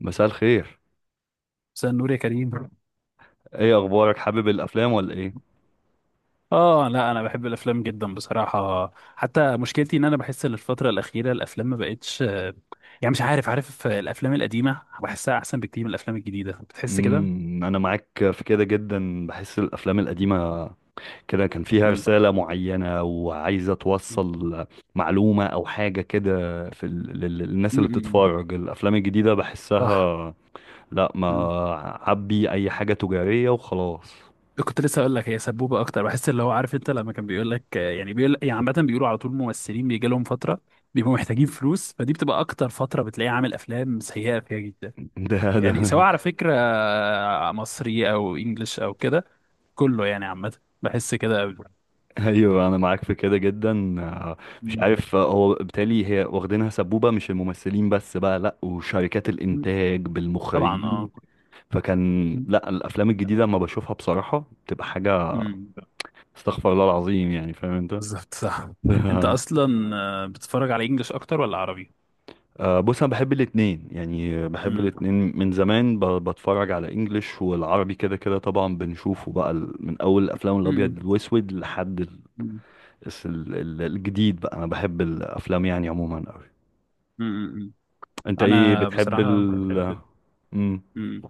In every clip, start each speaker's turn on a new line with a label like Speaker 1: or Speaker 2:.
Speaker 1: مساء الخير.
Speaker 2: مساء النور يا كريم.
Speaker 1: ايه اخبارك، حابب الافلام ولا ايه؟
Speaker 2: اه، لا انا بحب الافلام جدا بصراحه، حتى مشكلتي ان انا بحس ان الفتره الاخيره الافلام ما بقتش يعني مش عارف الافلام القديمه بحسها احسن بكتير من الافلام الجديده، بتحس كده.
Speaker 1: انا معاك في كده جدا، بحس الافلام القديمه كده كان فيها
Speaker 2: امم،
Speaker 1: رساله معينه وعايزه توصل معلومه او حاجه كده في ال... للناس اللي
Speaker 2: امم،
Speaker 1: بتتفرج الافلام الجديده
Speaker 2: صح.
Speaker 1: بحسها لا ما
Speaker 2: مم.
Speaker 1: عبي اي حاجه تجاريه وخلاص.
Speaker 2: كنت لسه اقول لك، هي سبوبه اكتر، بحس اللي هو عارف انت لما كان بيقول لك يعني بيقول، يعني عامه بيقولوا على طول الممثلين بيجي لهم فتره بيبقوا محتاجين فلوس، فدي بتبقى اكتر فتره بتلاقيه عامل افلام سيئه فيها جدا،
Speaker 1: ده
Speaker 2: يعني سواء على فكره مصري او انجلش او كده، كله يعني عامة بحس كده قوي.
Speaker 1: ايوه انا معاك في كده جدا. آه، مش
Speaker 2: مم.
Speaker 1: عارف، هو بالتالي هي واخدينها سبوبه، مش الممثلين بس بقى، لا وشركات
Speaker 2: مم.
Speaker 1: الانتاج
Speaker 2: طبعا،
Speaker 1: بالمخرجين.
Speaker 2: اه.
Speaker 1: فكان لا الافلام الجديده لما بشوفها بصراحه بتبقى حاجه
Speaker 2: امم،
Speaker 1: استغفر الله العظيم، يعني فاهم انت.
Speaker 2: بالظبط صح. انت اصلا بتتفرج على انجلش اكتر ولا عربي؟
Speaker 1: بص انا بحب الاتنين يعني بحب
Speaker 2: امم،
Speaker 1: الاتنين من زمان، بتفرج على انجليش والعربي كده كده، طبعا بنشوفه بقى من اول الافلام
Speaker 2: امم،
Speaker 1: الابيض والاسود لحد
Speaker 2: امم،
Speaker 1: الجديد بقى، انا بحب الافلام يعني عموما.
Speaker 2: امم،
Speaker 1: انت ايه
Speaker 2: انا
Speaker 1: بتحب
Speaker 2: بصراحه
Speaker 1: ال...
Speaker 2: بحب.
Speaker 1: امم
Speaker 2: امم،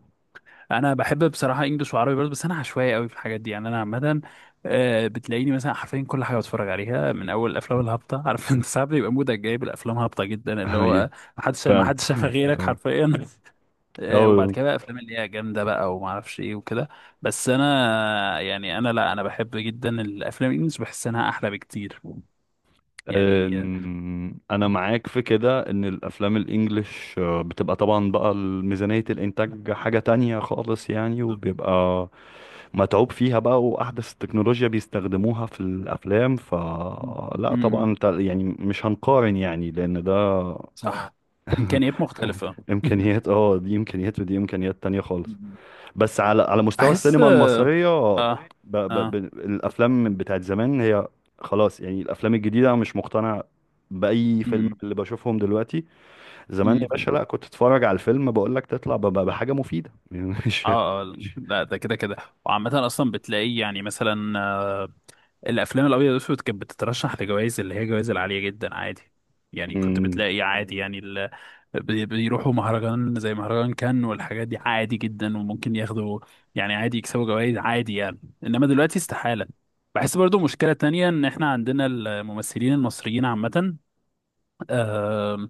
Speaker 2: انا بحب بصراحه انجلش وعربي برضه، بس انا عشوائي قوي في الحاجات دي، يعني انا عامه بتلاقيني مثلا حرفيا كل حاجه بتفرج عليها من اول الافلام الهابطه عارف انت ساعات بيبقى مودك جايب الافلام هابطه جدا، اللي
Speaker 1: ايوه.
Speaker 2: هو ما حدش ما
Speaker 1: فعلا.
Speaker 2: حدش شافها غيرك حرفيا. وبعد
Speaker 1: أو.
Speaker 2: كده بقى افلام اللي هي جامده بقى وما اعرفش ايه وكده. بس انا يعني انا لا انا بحب جدا الافلام الانجليش، بحس انها احلى بكتير يعني
Speaker 1: انا معاك في كده، ان الافلام الانجليش بتبقى طبعا بقى ميزانية الانتاج حاجة تانية خالص يعني، وبيبقى متعوب فيها بقى واحدث التكنولوجيا بيستخدموها في الافلام،
Speaker 2: م-
Speaker 1: فلا طبعا
Speaker 2: اه،
Speaker 1: انت يعني مش هنقارن يعني لان ده
Speaker 2: صح. امكانيات مختلفه م-
Speaker 1: امكانيات. اه، دي امكانيات ودي امكانيات تانية خالص.
Speaker 2: لا،
Speaker 1: بس على على مستوى
Speaker 2: بحس. لا،
Speaker 1: السينما
Speaker 2: لا،
Speaker 1: المصرية، ب...
Speaker 2: اه، اه،
Speaker 1: ب... ب...
Speaker 2: اه،
Speaker 1: الأفلام بتاعت زمان هي خلاص يعني. الأفلام الجديدة أنا مش مقتنع بأي فيلم من
Speaker 2: م-
Speaker 1: اللي بشوفهم دلوقتي. زمان يا
Speaker 2: م- م.
Speaker 1: باشا، لا كنت تتفرج على الفيلم بقول لك تطلع ب... بحاجة مفيدة. يعني مش
Speaker 2: اه، لا ده كده كده. وعامة أصلا بتلاقيه يعني مثلا الافلام الابيض والاسود كانت بتترشح لجوائز اللي هي جوائز العاليه جدا، عادي يعني. كنت
Speaker 1: مم.
Speaker 2: بتلاقي عادي يعني ال... بيروحوا مهرجان زي مهرجان كان والحاجات دي عادي جدا، وممكن ياخدوا يعني عادي، يكسبوا جوائز عادي يعني. انما دلوقتي استحاله. بحس برضو مشكلة تانية ان احنا عندنا الممثلين المصريين عامة، آه،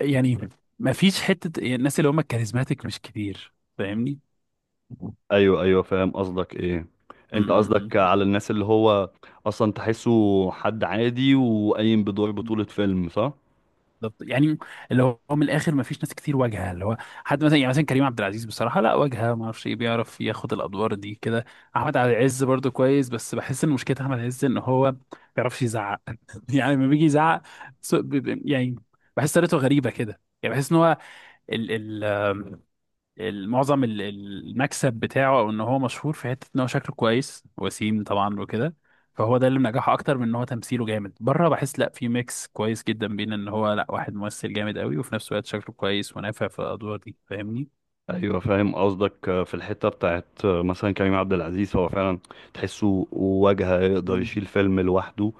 Speaker 2: يعني ما فيش حتة. الناس اللي هم الكاريزماتيك مش كتير، فاهمني؟
Speaker 1: أيوه أيوه فاهم قصدك إيه.
Speaker 2: م-
Speaker 1: أنت قصدك
Speaker 2: م-
Speaker 1: على الناس اللي هو أصلا تحسه حد عادي وقايم بدور
Speaker 2: م.
Speaker 1: بطولة فيلم، صح؟
Speaker 2: بالظبط يعني، اللي هو من الاخر ما فيش ناس كتير واجهه، اللي هو حد مثلا، يعني مثلا كريم عبد العزيز بصراحه، لا واجهه ما اعرفش ايه، بيعرف ياخد الادوار دي كده. احمد عز برضو كويس، بس بحس ان مشكله احمد عز ان هو ما بيعرفش يزعق يعني لما بيجي يزعق يعني بحس طريقته غريبه كده، يعني بحس ان هو ال ال معظم المكسب بتاعه، او ان هو مشهور في حته ان هو شكله كويس، وسيم طبعا وكده، فهو ده اللي منجحه اكتر من ان هو تمثيله جامد. بره بحس لا، في ميكس كويس جدا بين ان هو لا واحد ممثل جامد قوي وفي نفس الوقت شكله كويس ونافع في الادوار دي، فاهمني؟
Speaker 1: ايوه فاهم قصدك، في الحته بتاعت، مثلا كريم عبد العزيز هو فعلا تحسه واجهه يقدر
Speaker 2: مم.
Speaker 1: يشيل فيلم لوحده.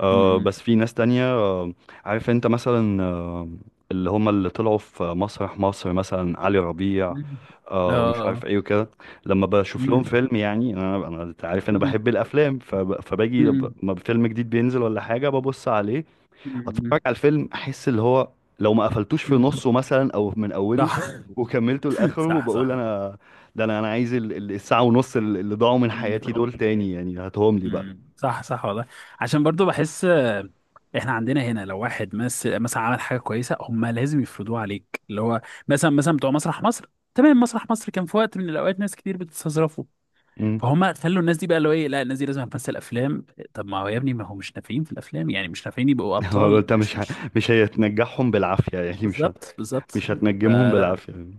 Speaker 2: مم.
Speaker 1: بس في ناس تانية، عارف انت مثلا اللي هم اللي طلعوا في مسرح مصر مثلا علي ربيع
Speaker 2: مم.
Speaker 1: ومش عارف
Speaker 2: اه.
Speaker 1: ايه وكده. لما بشوف لهم
Speaker 2: مم.
Speaker 1: فيلم يعني انا انت عارف انا
Speaker 2: مم.
Speaker 1: بحب الافلام، فباجي ب-
Speaker 2: مم.
Speaker 1: ما فيلم جديد بينزل ولا حاجه ببص عليه، اتفرج
Speaker 2: مم.
Speaker 1: على الفيلم احس اللي هو لو ما قفلتوش في
Speaker 2: مم.
Speaker 1: نصه مثلا او من اوله
Speaker 2: صح.
Speaker 1: وكملته لاخره،
Speaker 2: صح، صح.
Speaker 1: بقول انا ده انا عايز ال- الساعه ونص اللي اللي ضاعوا من
Speaker 2: مم.
Speaker 1: حياتي دول تاني، يعني هاتهم لي بقى.
Speaker 2: امم، صح، صح والله. عشان برضو بحس احنا عندنا هنا لو واحد مثلا عمل حاجه كويسه، هم لازم يفرضوها عليك، اللي هو مثلا مثلا بتوع مسرح مصر. تمام، مسرح مصر كان في وقت من الاوقات ناس كتير بتستظرفه،
Speaker 1: امم.
Speaker 2: فهم خلوا الناس دي بقى اللي هو ايه، لا الناس دي لازم هتمثل افلام. طب ما هو يا ابني ما هو مش نافعين في الافلام، يعني مش نافعين يبقوا
Speaker 1: هو
Speaker 2: ابطال،
Speaker 1: انت
Speaker 2: مش
Speaker 1: مش ه...
Speaker 2: مش
Speaker 1: مش هتنجحهم بالعافيه يعني، مش ه...
Speaker 2: بالظبط بالظبط.
Speaker 1: مش هتنجمهم
Speaker 2: فلا،
Speaker 1: بالعافيه يعني.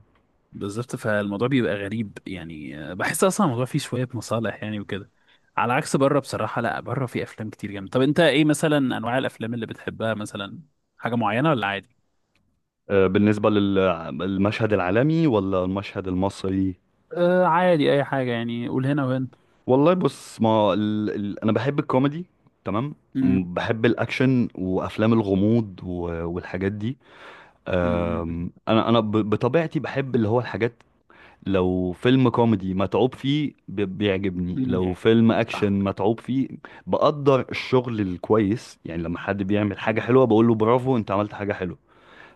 Speaker 2: بالظبط. فالموضوع بيبقى غريب يعني بحس اصلا الموضوع فيه شويه مصالح يعني وكده. على عكس بره بصراحه، لا بره في افلام كتير جامده. طب انت ايه مثلا انواع الافلام اللي بتحبها مثلا، حاجه معينه ولا عادي؟
Speaker 1: بالنسبه للمشهد العالمي ولا المشهد المصري؟
Speaker 2: آه، عادي اي حاجه يعني، قول هنا وهنا.
Speaker 1: والله بص، ما ال... ال... انا بحب الكوميدي، تمام.
Speaker 2: امم،
Speaker 1: بحب الاكشن وافلام الغموض و... والحاجات دي.
Speaker 2: امم،
Speaker 1: انا بطبيعتي بحب اللي هو الحاجات. لو فيلم كوميدي متعوب فيه بيعجبني،
Speaker 2: أمم.
Speaker 1: لو
Speaker 2: يعني
Speaker 1: فيلم اكشن متعوب فيه بقدر الشغل الكويس، يعني لما حد بيعمل حاجة حلوة بقول له برافو انت عملت حاجة حلوة.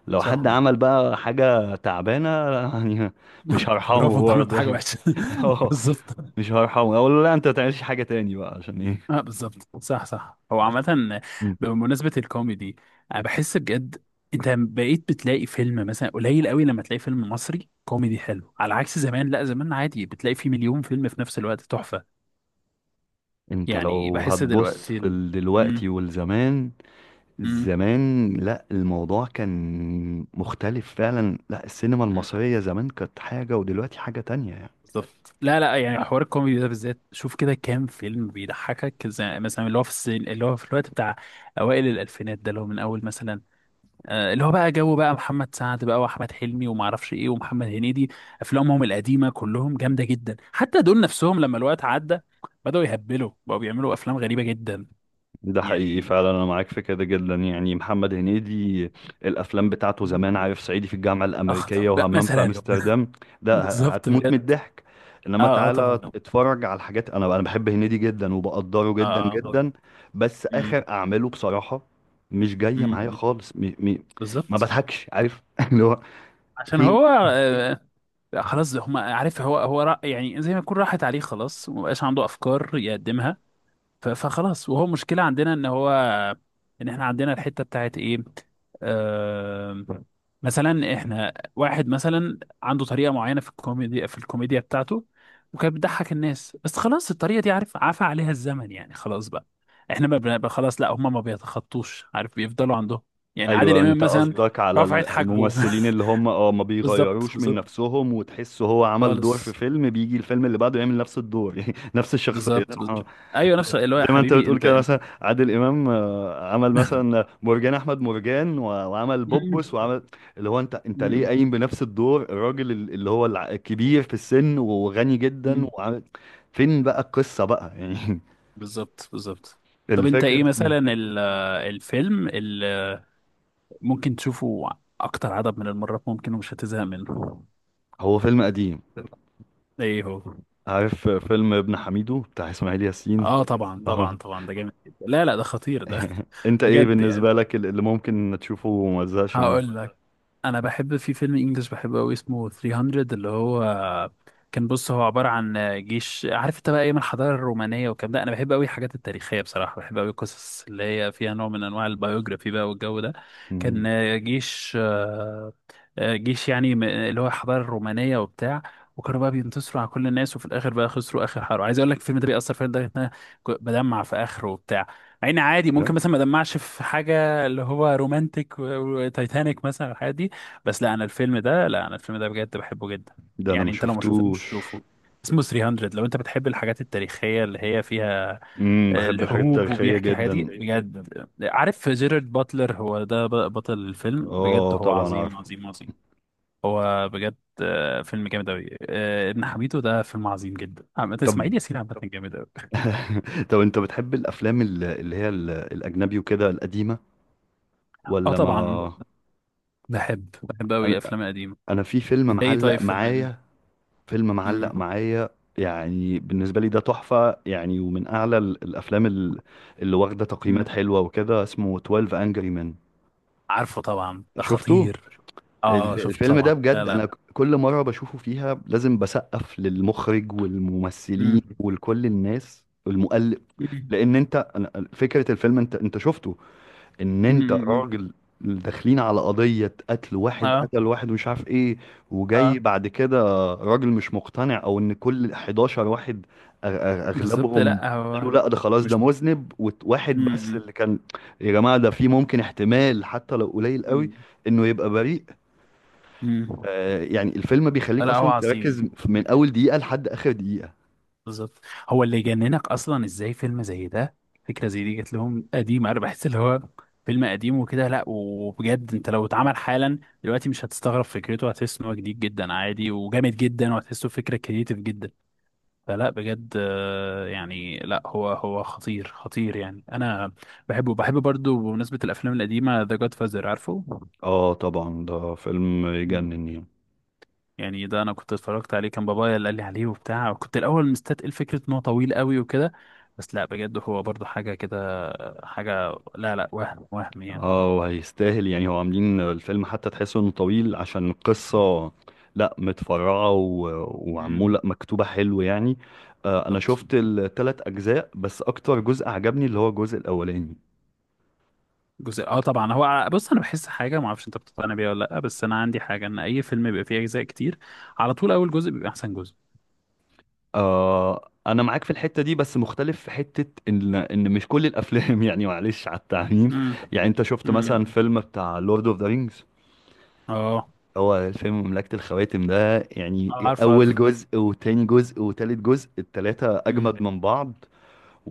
Speaker 1: لو
Speaker 2: صح.
Speaker 1: حد عمل بقى حاجة تعبانة يعني مش هرحمه
Speaker 2: برافو، انت عملت
Speaker 1: برضه.
Speaker 2: حاجه وحشه.
Speaker 1: اه،
Speaker 2: بالظبط.
Speaker 1: مش هرحمه اقول له لا انت ما تعملش حاجة تاني بقى عشان ايه.
Speaker 2: اه، بالظبط، صح، صح. هو عامة
Speaker 1: مم.
Speaker 2: بمناسبة الكوميدي، انا بحس بجد انت بقيت بتلاقي فيلم مثلا قليل قوي لما تلاقي فيلم مصري كوميدي حلو، على عكس زمان، لا زمان عادي بتلاقي فيه مليون فيلم في نفس الوقت تحفة،
Speaker 1: انت
Speaker 2: يعني
Speaker 1: لو
Speaker 2: بحس
Speaker 1: هتبص
Speaker 2: دلوقتي
Speaker 1: في
Speaker 2: ال...
Speaker 1: دلوقتي
Speaker 2: مم.
Speaker 1: والزمان،
Speaker 2: مم.
Speaker 1: زمان لا الموضوع كان مختلف فعلا. لا السينما
Speaker 2: مم.
Speaker 1: المصرية زمان كانت حاجة ودلوقتي حاجة تانية يعني.
Speaker 2: بالظبط. لا، لا، يعني حوار الكوميدي ده بالذات شوف كده كام فيلم بيضحكك، زي مثلا اللي هو في السن اللي هو في الوقت بتاع اوائل الالفينات ده، اللي هو من اول مثلا اللي هو بقى جو بقى محمد سعد بقى، واحمد حلمي وما اعرفش ايه، ومحمد هنيدي. افلامهم القديمه كلهم جامده جدا، حتى دول نفسهم لما الوقت عدى بداوا يهبلوا، بقوا بيعملوا افلام غريبه جدا
Speaker 1: ده حقيقي
Speaker 2: يعني.
Speaker 1: فعلا، انا معاك في كده جدا، يعني محمد هنيدي الافلام بتاعته زمان، عارف، صعيدي في الجامعه
Speaker 2: اخ،
Speaker 1: الامريكيه
Speaker 2: بقى
Speaker 1: وهمام في
Speaker 2: مثلا.
Speaker 1: امستردام، ده
Speaker 2: بالظبط
Speaker 1: هتموت من
Speaker 2: بجد.
Speaker 1: الضحك. انما
Speaker 2: اه، اه
Speaker 1: تعالى
Speaker 2: طبعا.
Speaker 1: اتفرج على الحاجات، انا بحب هنيدي جدا وبقدره جدا
Speaker 2: اه، اه.
Speaker 1: جدا، بس
Speaker 2: امم،
Speaker 1: اخر اعماله بصراحه مش جايه معايا
Speaker 2: امم،
Speaker 1: خالص، م... م... ما
Speaker 2: بالظبط.
Speaker 1: بضحكش عارف. اللي هو
Speaker 2: عشان
Speaker 1: في...
Speaker 2: هو آه، خلاص هم عارف، هو هو يعني زي ما يكون راحت عليه خلاص، ومبقاش عنده افكار يقدمها، فخلاص. وهو مشكلة عندنا ان هو ان احنا عندنا الحتة بتاعت ايه، آه، مثلا احنا واحد مثلا عنده طريقة معينة في الكوميديا، في الكوميديا بتاعته، وكانت بتضحك الناس، بس خلاص الطريقة دي عارف عفى عليها الزمن، يعني خلاص بقى احنا ما بن- خلاص، لا هم ما بيتخطوش عارف، بيفضلوا عندهم يعني عادل
Speaker 1: ايوه
Speaker 2: امام
Speaker 1: انت
Speaker 2: مثلا
Speaker 1: قصدك على
Speaker 2: رفعت حاجبه.
Speaker 1: الممثلين اللي هم، اه، ما
Speaker 2: بالظبط
Speaker 1: بيغيروش من
Speaker 2: بالظبط
Speaker 1: نفسهم وتحس هو عمل دور في
Speaker 2: خالص.
Speaker 1: فيلم بيجي الفيلم اللي بعده يعمل نفس الدور يعني نفس الشخصيه.
Speaker 2: بالظبط
Speaker 1: اه،
Speaker 2: بالظبط. ايوه نفس اللي هو،
Speaker 1: زي
Speaker 2: يا
Speaker 1: ما انت
Speaker 2: حبيبي
Speaker 1: بتقول
Speaker 2: انت.
Speaker 1: كده،
Speaker 2: انت.
Speaker 1: مثلا عادل امام عمل مثلا مرجان احمد مرجان، وعمل بوبوس وعمل اللي هو انت ليه
Speaker 2: مم.
Speaker 1: قايم بنفس الدور، الراجل اللي هو الكبير في السن وغني جدا
Speaker 2: مم.
Speaker 1: وعمل. فين بقى القصه بقى يعني.
Speaker 2: بالظبط بالظبط. طب انت ايه
Speaker 1: الفكره مم.
Speaker 2: مثلا الفيلم اللي ممكن تشوفه اكتر عدد من المرات ممكن ومش هتزهق منه؟
Speaker 1: هو فيلم قديم.
Speaker 2: ايه هو؟
Speaker 1: عارف فيلم ابن حميدو بتاع اسماعيل ياسين؟
Speaker 2: اه طبعا
Speaker 1: اه.
Speaker 2: طبعا طبعا، ده جامد جدا، لا لا ده خطير ده.
Speaker 1: انت ايه
Speaker 2: بجد يعني
Speaker 1: بالنسبة لك اللي ممكن تشوفه وما تزهقش منه؟
Speaker 2: هقول لك، انا بحب في فيلم انجلش بحبه قوي اسمه 300، اللي هو كان، بص هو عباره عن جيش عارف انت، بقى ايام الحضاره الرومانيه والكلام ده. انا بحب قوي الحاجات التاريخيه بصراحه، بحب قوي القصص اللي هي فيها نوع من انواع البيوجرافي بقى والجو ده. كان
Speaker 1: مم،
Speaker 2: جيش جيش يعني اللي هو الحضاره الرومانيه وبتاع، وكانوا بقى بينتصروا على كل الناس، وفي الاخر بقى خسروا اخر حرب. عايز اقول لك الفيلم ده بيأثر فيا لدرجه ان انا بدمع في اخره وبتاع، مع ان عادي
Speaker 1: بجد؟
Speaker 2: ممكن مثلا ما ادمعش في حاجه اللي هو رومانتك وتايتانيك مثلا، الحاجات دي. بس لا انا الفيلم ده بجد بحبه جدا
Speaker 1: ده انا
Speaker 2: يعني.
Speaker 1: ما
Speaker 2: انت لو ما شفتوش
Speaker 1: شفتوش.
Speaker 2: شوفه، اسمه 300، لو انت بتحب الحاجات التاريخية اللي هي فيها
Speaker 1: بحب الحاجات
Speaker 2: الحروب
Speaker 1: التاريخية
Speaker 2: وبيحكي حاجات دي
Speaker 1: جدا.
Speaker 2: بجد. عارف جيرارد باتلر، هو ده بطل الفيلم، بجد
Speaker 1: اه
Speaker 2: هو اه
Speaker 1: طبعا
Speaker 2: عظيم
Speaker 1: عارفه.
Speaker 2: عظيم عظيم. هو بجد فيلم جامد أوي. آه، ابن حميدو ده فيلم عظيم جدا، عامة
Speaker 1: طب.
Speaker 2: إسماعيل ياسين عامة جامد أوي.
Speaker 1: طب انت بتحب الافلام اللي هي الاجنبي وكده القديمة
Speaker 2: اه
Speaker 1: ولا ما...
Speaker 2: طبعا، بحب بحب أوي
Speaker 1: انا
Speaker 2: الأفلام القديمة.
Speaker 1: انا في فيلم
Speaker 2: انت ايه
Speaker 1: معلق
Speaker 2: طيب فيلم قديم؟
Speaker 1: معايا، فيلم
Speaker 2: امم،
Speaker 1: معلق معايا يعني بالنسبة لي ده تحفة يعني، ومن أعلى الأفلام اللي واخدة تقييمات
Speaker 2: أمم.
Speaker 1: حلوة وكده، اسمه 12 Angry Men.
Speaker 2: عارفه طبعا، ده
Speaker 1: شفته؟
Speaker 2: خطير. اه، شفت
Speaker 1: الفيلم ده
Speaker 2: طبعا، لا
Speaker 1: بجد
Speaker 2: لا.
Speaker 1: أنا كل مرة بشوفه فيها لازم بسقف للمخرج والممثلين
Speaker 2: مم.
Speaker 1: ولكل الناس والمؤلف.
Speaker 2: مم.
Speaker 1: لأن أنت فكرة الفيلم، أنت شفته، ان
Speaker 2: مم.
Speaker 1: انت
Speaker 2: مم.
Speaker 1: راجل داخلين على قضية قتل واحد
Speaker 2: اه،
Speaker 1: قتل واحد ومش عارف ايه. وجاي
Speaker 2: اه،
Speaker 1: بعد كده راجل مش مقتنع او ان كل 11 واحد
Speaker 2: بالظبط.
Speaker 1: اغلبهم
Speaker 2: لا
Speaker 1: قالوا
Speaker 2: هو
Speaker 1: لا ده خلاص ده
Speaker 2: مش.
Speaker 1: مذنب، وواحد بس
Speaker 2: مم.
Speaker 1: اللي كان يا جماعة ده في ممكن احتمال حتى لو قليل قوي
Speaker 2: مم.
Speaker 1: انه يبقى بريء.
Speaker 2: مم.
Speaker 1: آه يعني الفيلم بيخليك
Speaker 2: لا هو
Speaker 1: اصلا
Speaker 2: عظيم.
Speaker 1: تركز من اول دقيقة لحد اخر دقيقة.
Speaker 2: بالظبط. هو اللي يجننك اصلا، ازاي فيلم زي ده، فكره زي دي جت لهم قديم؟ انا بحس اللي هو فيلم قديم وكده، لا وبجد انت لو اتعمل حالا دلوقتي مش هتستغرب فكرته، هتحس ان هو جديد جدا عادي وجامد جدا، وهتحسه فكره كريتيف جدا. فلا بجد يعني لا هو هو خطير خطير يعني. انا بحبه، برضو بمناسبة الافلام القديمة، ذا جاد فازر عارفه؟
Speaker 1: اه طبعا ده فيلم
Speaker 2: مم.
Speaker 1: يجنن يعني.
Speaker 2: يعني ده انا كنت اتفرجت عليه، كان بابايا اللي قال لي عليه وبتاع، وكنت الاول مستتقل فكرة ان هو طويل قوي وكده، بس لا بجد هو برضو حاجة كده. حاجة، لا لا، وهم وهم يعني.
Speaker 1: اه وهيستاهل يعني، هو عاملين الفيلم حتى تحسه انه طويل عشان القصة لا متفرعة
Speaker 2: مم.
Speaker 1: وعمولة مكتوبة حلو يعني. آه انا شفت
Speaker 2: بالظبط.
Speaker 1: التلات اجزاء بس اكتر جزء عجبني اللي هو الجزء الاولاني.
Speaker 2: جزء، اه طبعا. هو بص انا بحس حاجه ما اعرفش انت بتقتنع بيها ولا لا، بس انا عندي حاجه ان اي فيلم بيبقى فيه اجزاء كتير على طول اول جزء بيبقى احسن جزء.
Speaker 1: آه انا معاك في الحتة دي، بس مختلف في حتة ان مش كل الافلام، يعني معلش على التعميم. يعني انت شفت مثلا
Speaker 2: امم،
Speaker 1: فيلم بتاع لورد اوف ذا رينجز،
Speaker 2: اه،
Speaker 1: هو الفيلم مملكة الخواتم ده يعني،
Speaker 2: عارف،
Speaker 1: أول
Speaker 2: عارف.
Speaker 1: جزء وتاني جزء وتالت جزء، التلاتة
Speaker 2: مم.
Speaker 1: أجمد من بعض.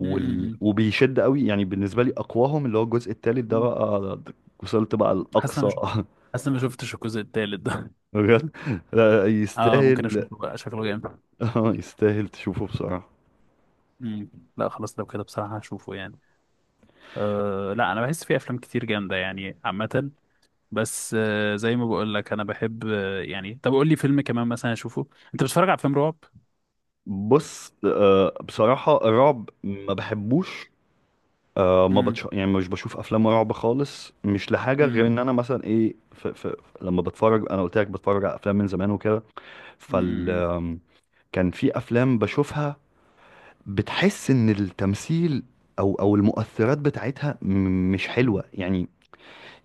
Speaker 2: مم، مم،
Speaker 1: وبيشد قوي يعني، بالنسبه لي اقواهم اللي هو الجزء الثالث ده
Speaker 2: مم.
Speaker 1: بقى، وصلت بقى
Speaker 2: حاسس شفت
Speaker 1: الاقصى.
Speaker 2: انا مش حاسس انا ما شفتش الجزء التالت ده.
Speaker 1: بجد؟ لا،
Speaker 2: اه، ممكن
Speaker 1: يستاهل.
Speaker 2: اشوفه بقى، شكله جامد.
Speaker 1: يستاهل تشوفه بصراحه.
Speaker 2: مم. لا، خلاص لو كده بصراحة هشوفه يعني. آه، لا انا بحس في افلام كتير جامدة يعني عامة، بس آه زي ما بقول لك انا بحب، آه يعني طب قول لي فيلم كمان مثلا اشوفه. انت بتتفرج على افلام رعب؟
Speaker 1: بص بصراحه الرعب ما بحبوش. ما
Speaker 2: امم،
Speaker 1: بتش... يعني مش بشوف افلام رعب خالص، مش لحاجه غير
Speaker 2: امم،
Speaker 1: ان انا مثلا ايه ف... ف... لما بتفرج، انا قلت لك بتفرج على افلام من زمان وكده، فال كان في افلام بشوفها بتحس ان التمثيل او المؤثرات بتاعتها مش حلوه يعني.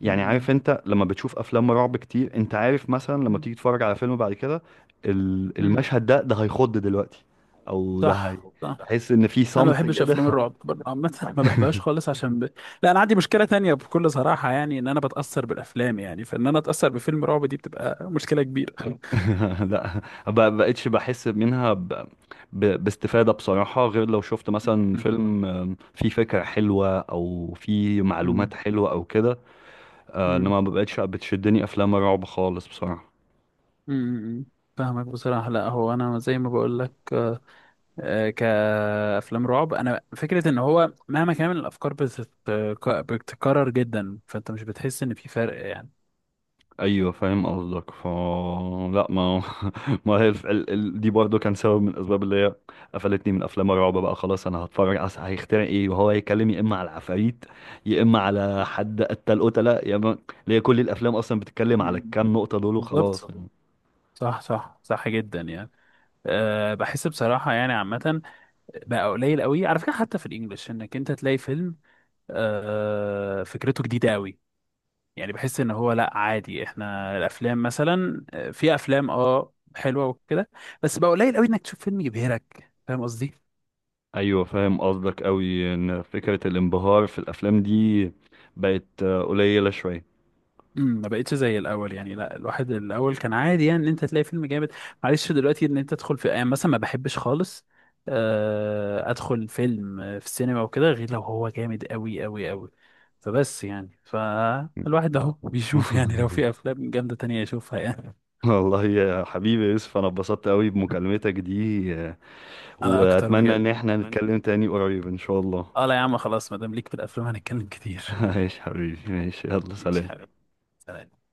Speaker 1: يعني عارف
Speaker 2: امم،
Speaker 1: انت لما بتشوف افلام رعب كتير، انت عارف مثلا لما تيجي تتفرج على فيلم بعد كده،
Speaker 2: امم،
Speaker 1: المشهد ده هيخض دلوقتي او ده هي،
Speaker 2: صح، صح.
Speaker 1: تحس ان في
Speaker 2: انا ما
Speaker 1: صمت
Speaker 2: بحبش
Speaker 1: كده.
Speaker 2: افلام الرعب برضه عامه ما بحبهاش خالص، عشان لا انا عندي مشكله تانية بكل صراحه يعني، ان انا بتاثر بالافلام يعني، فان انا اتاثر بفيلم رعب دي بتبقى مشكله كبيره.
Speaker 1: لا ما بقتش بحس منها ب... ب... باستفاده بصراحه، غير لو شفت مثلا فيلم فيه فكره حلوه او فيه
Speaker 2: مم.
Speaker 1: معلومات حلوه او كده،
Speaker 2: مم.
Speaker 1: انما ما بقتش بتشدني افلام رعب خالص بصراحه.
Speaker 2: مم. مم. فاهمك بصراحة. لا هو أنا زي ما بقول لك كأفلام رعب، أنا فكرة إن هو مهما كان الأفكار بتتكرر جدا، فأنت مش بتحس إن في فرق يعني.
Speaker 1: ايوه فاهم قصدك ف لا ما. ما هي الف... ال... ال... دي برضو كان سبب من الاسباب اللي هي قفلتني من افلام الرعب بقى. خلاص انا هتفرج اصل هيخترع ايه، وهو هيتكلم يا اما على العفاريت يا اما على حد قتل قتله يا اما اللي هي كل الافلام اصلا بتتكلم على
Speaker 2: مم.
Speaker 1: الكام نقطه دول
Speaker 2: بالظبط.
Speaker 1: وخلاص يعني.
Speaker 2: صح، صح، صح جدا يعني. أه، بحس بصراحة يعني عامة بقى قليل قوي، على فكره حتى في الانجليش، انك انت تلاقي فيلم آه فكرته جديده قوي. يعني بحس ان هو لا عادي، احنا الافلام مثلا في افلام اه حلوه وكده، بس بقى قليل قوي انك تشوف فيلم يبهرك، فاهم قصدي؟
Speaker 1: ايوه فاهم قصدك قوي، ان فكره الانبهار في الافلام دي بقت قليله شويه.
Speaker 2: امم، ما بقتش زي الاول يعني. لا، الواحد الاول كان عادي يعني ان انت تلاقي فيلم جامد. معلش دلوقتي ان انت تدخل في يعني مثلا ما بحبش خالص ادخل فيلم في السينما وكده غير لو هو جامد قوي قوي قوي. فبس يعني، فالواحد اهو
Speaker 1: آه.
Speaker 2: بيشوف يعني لو في افلام جامده تانية يشوفها يعني.
Speaker 1: والله يا حبيبي يوسف انا اتبسطت قوي بمكالمتك دي،
Speaker 2: انا اكتر
Speaker 1: واتمنى
Speaker 2: بجد.
Speaker 1: ان احنا نتكلم تاني قريب ان شاء الله.
Speaker 2: اه، لا يا عم خلاص، ما دام ليك في الافلام هنتكلم كتير.
Speaker 1: ماشي حبيبي ماشي، يلا
Speaker 2: ماشي
Speaker 1: سلام.
Speaker 2: حبيبي، سلام.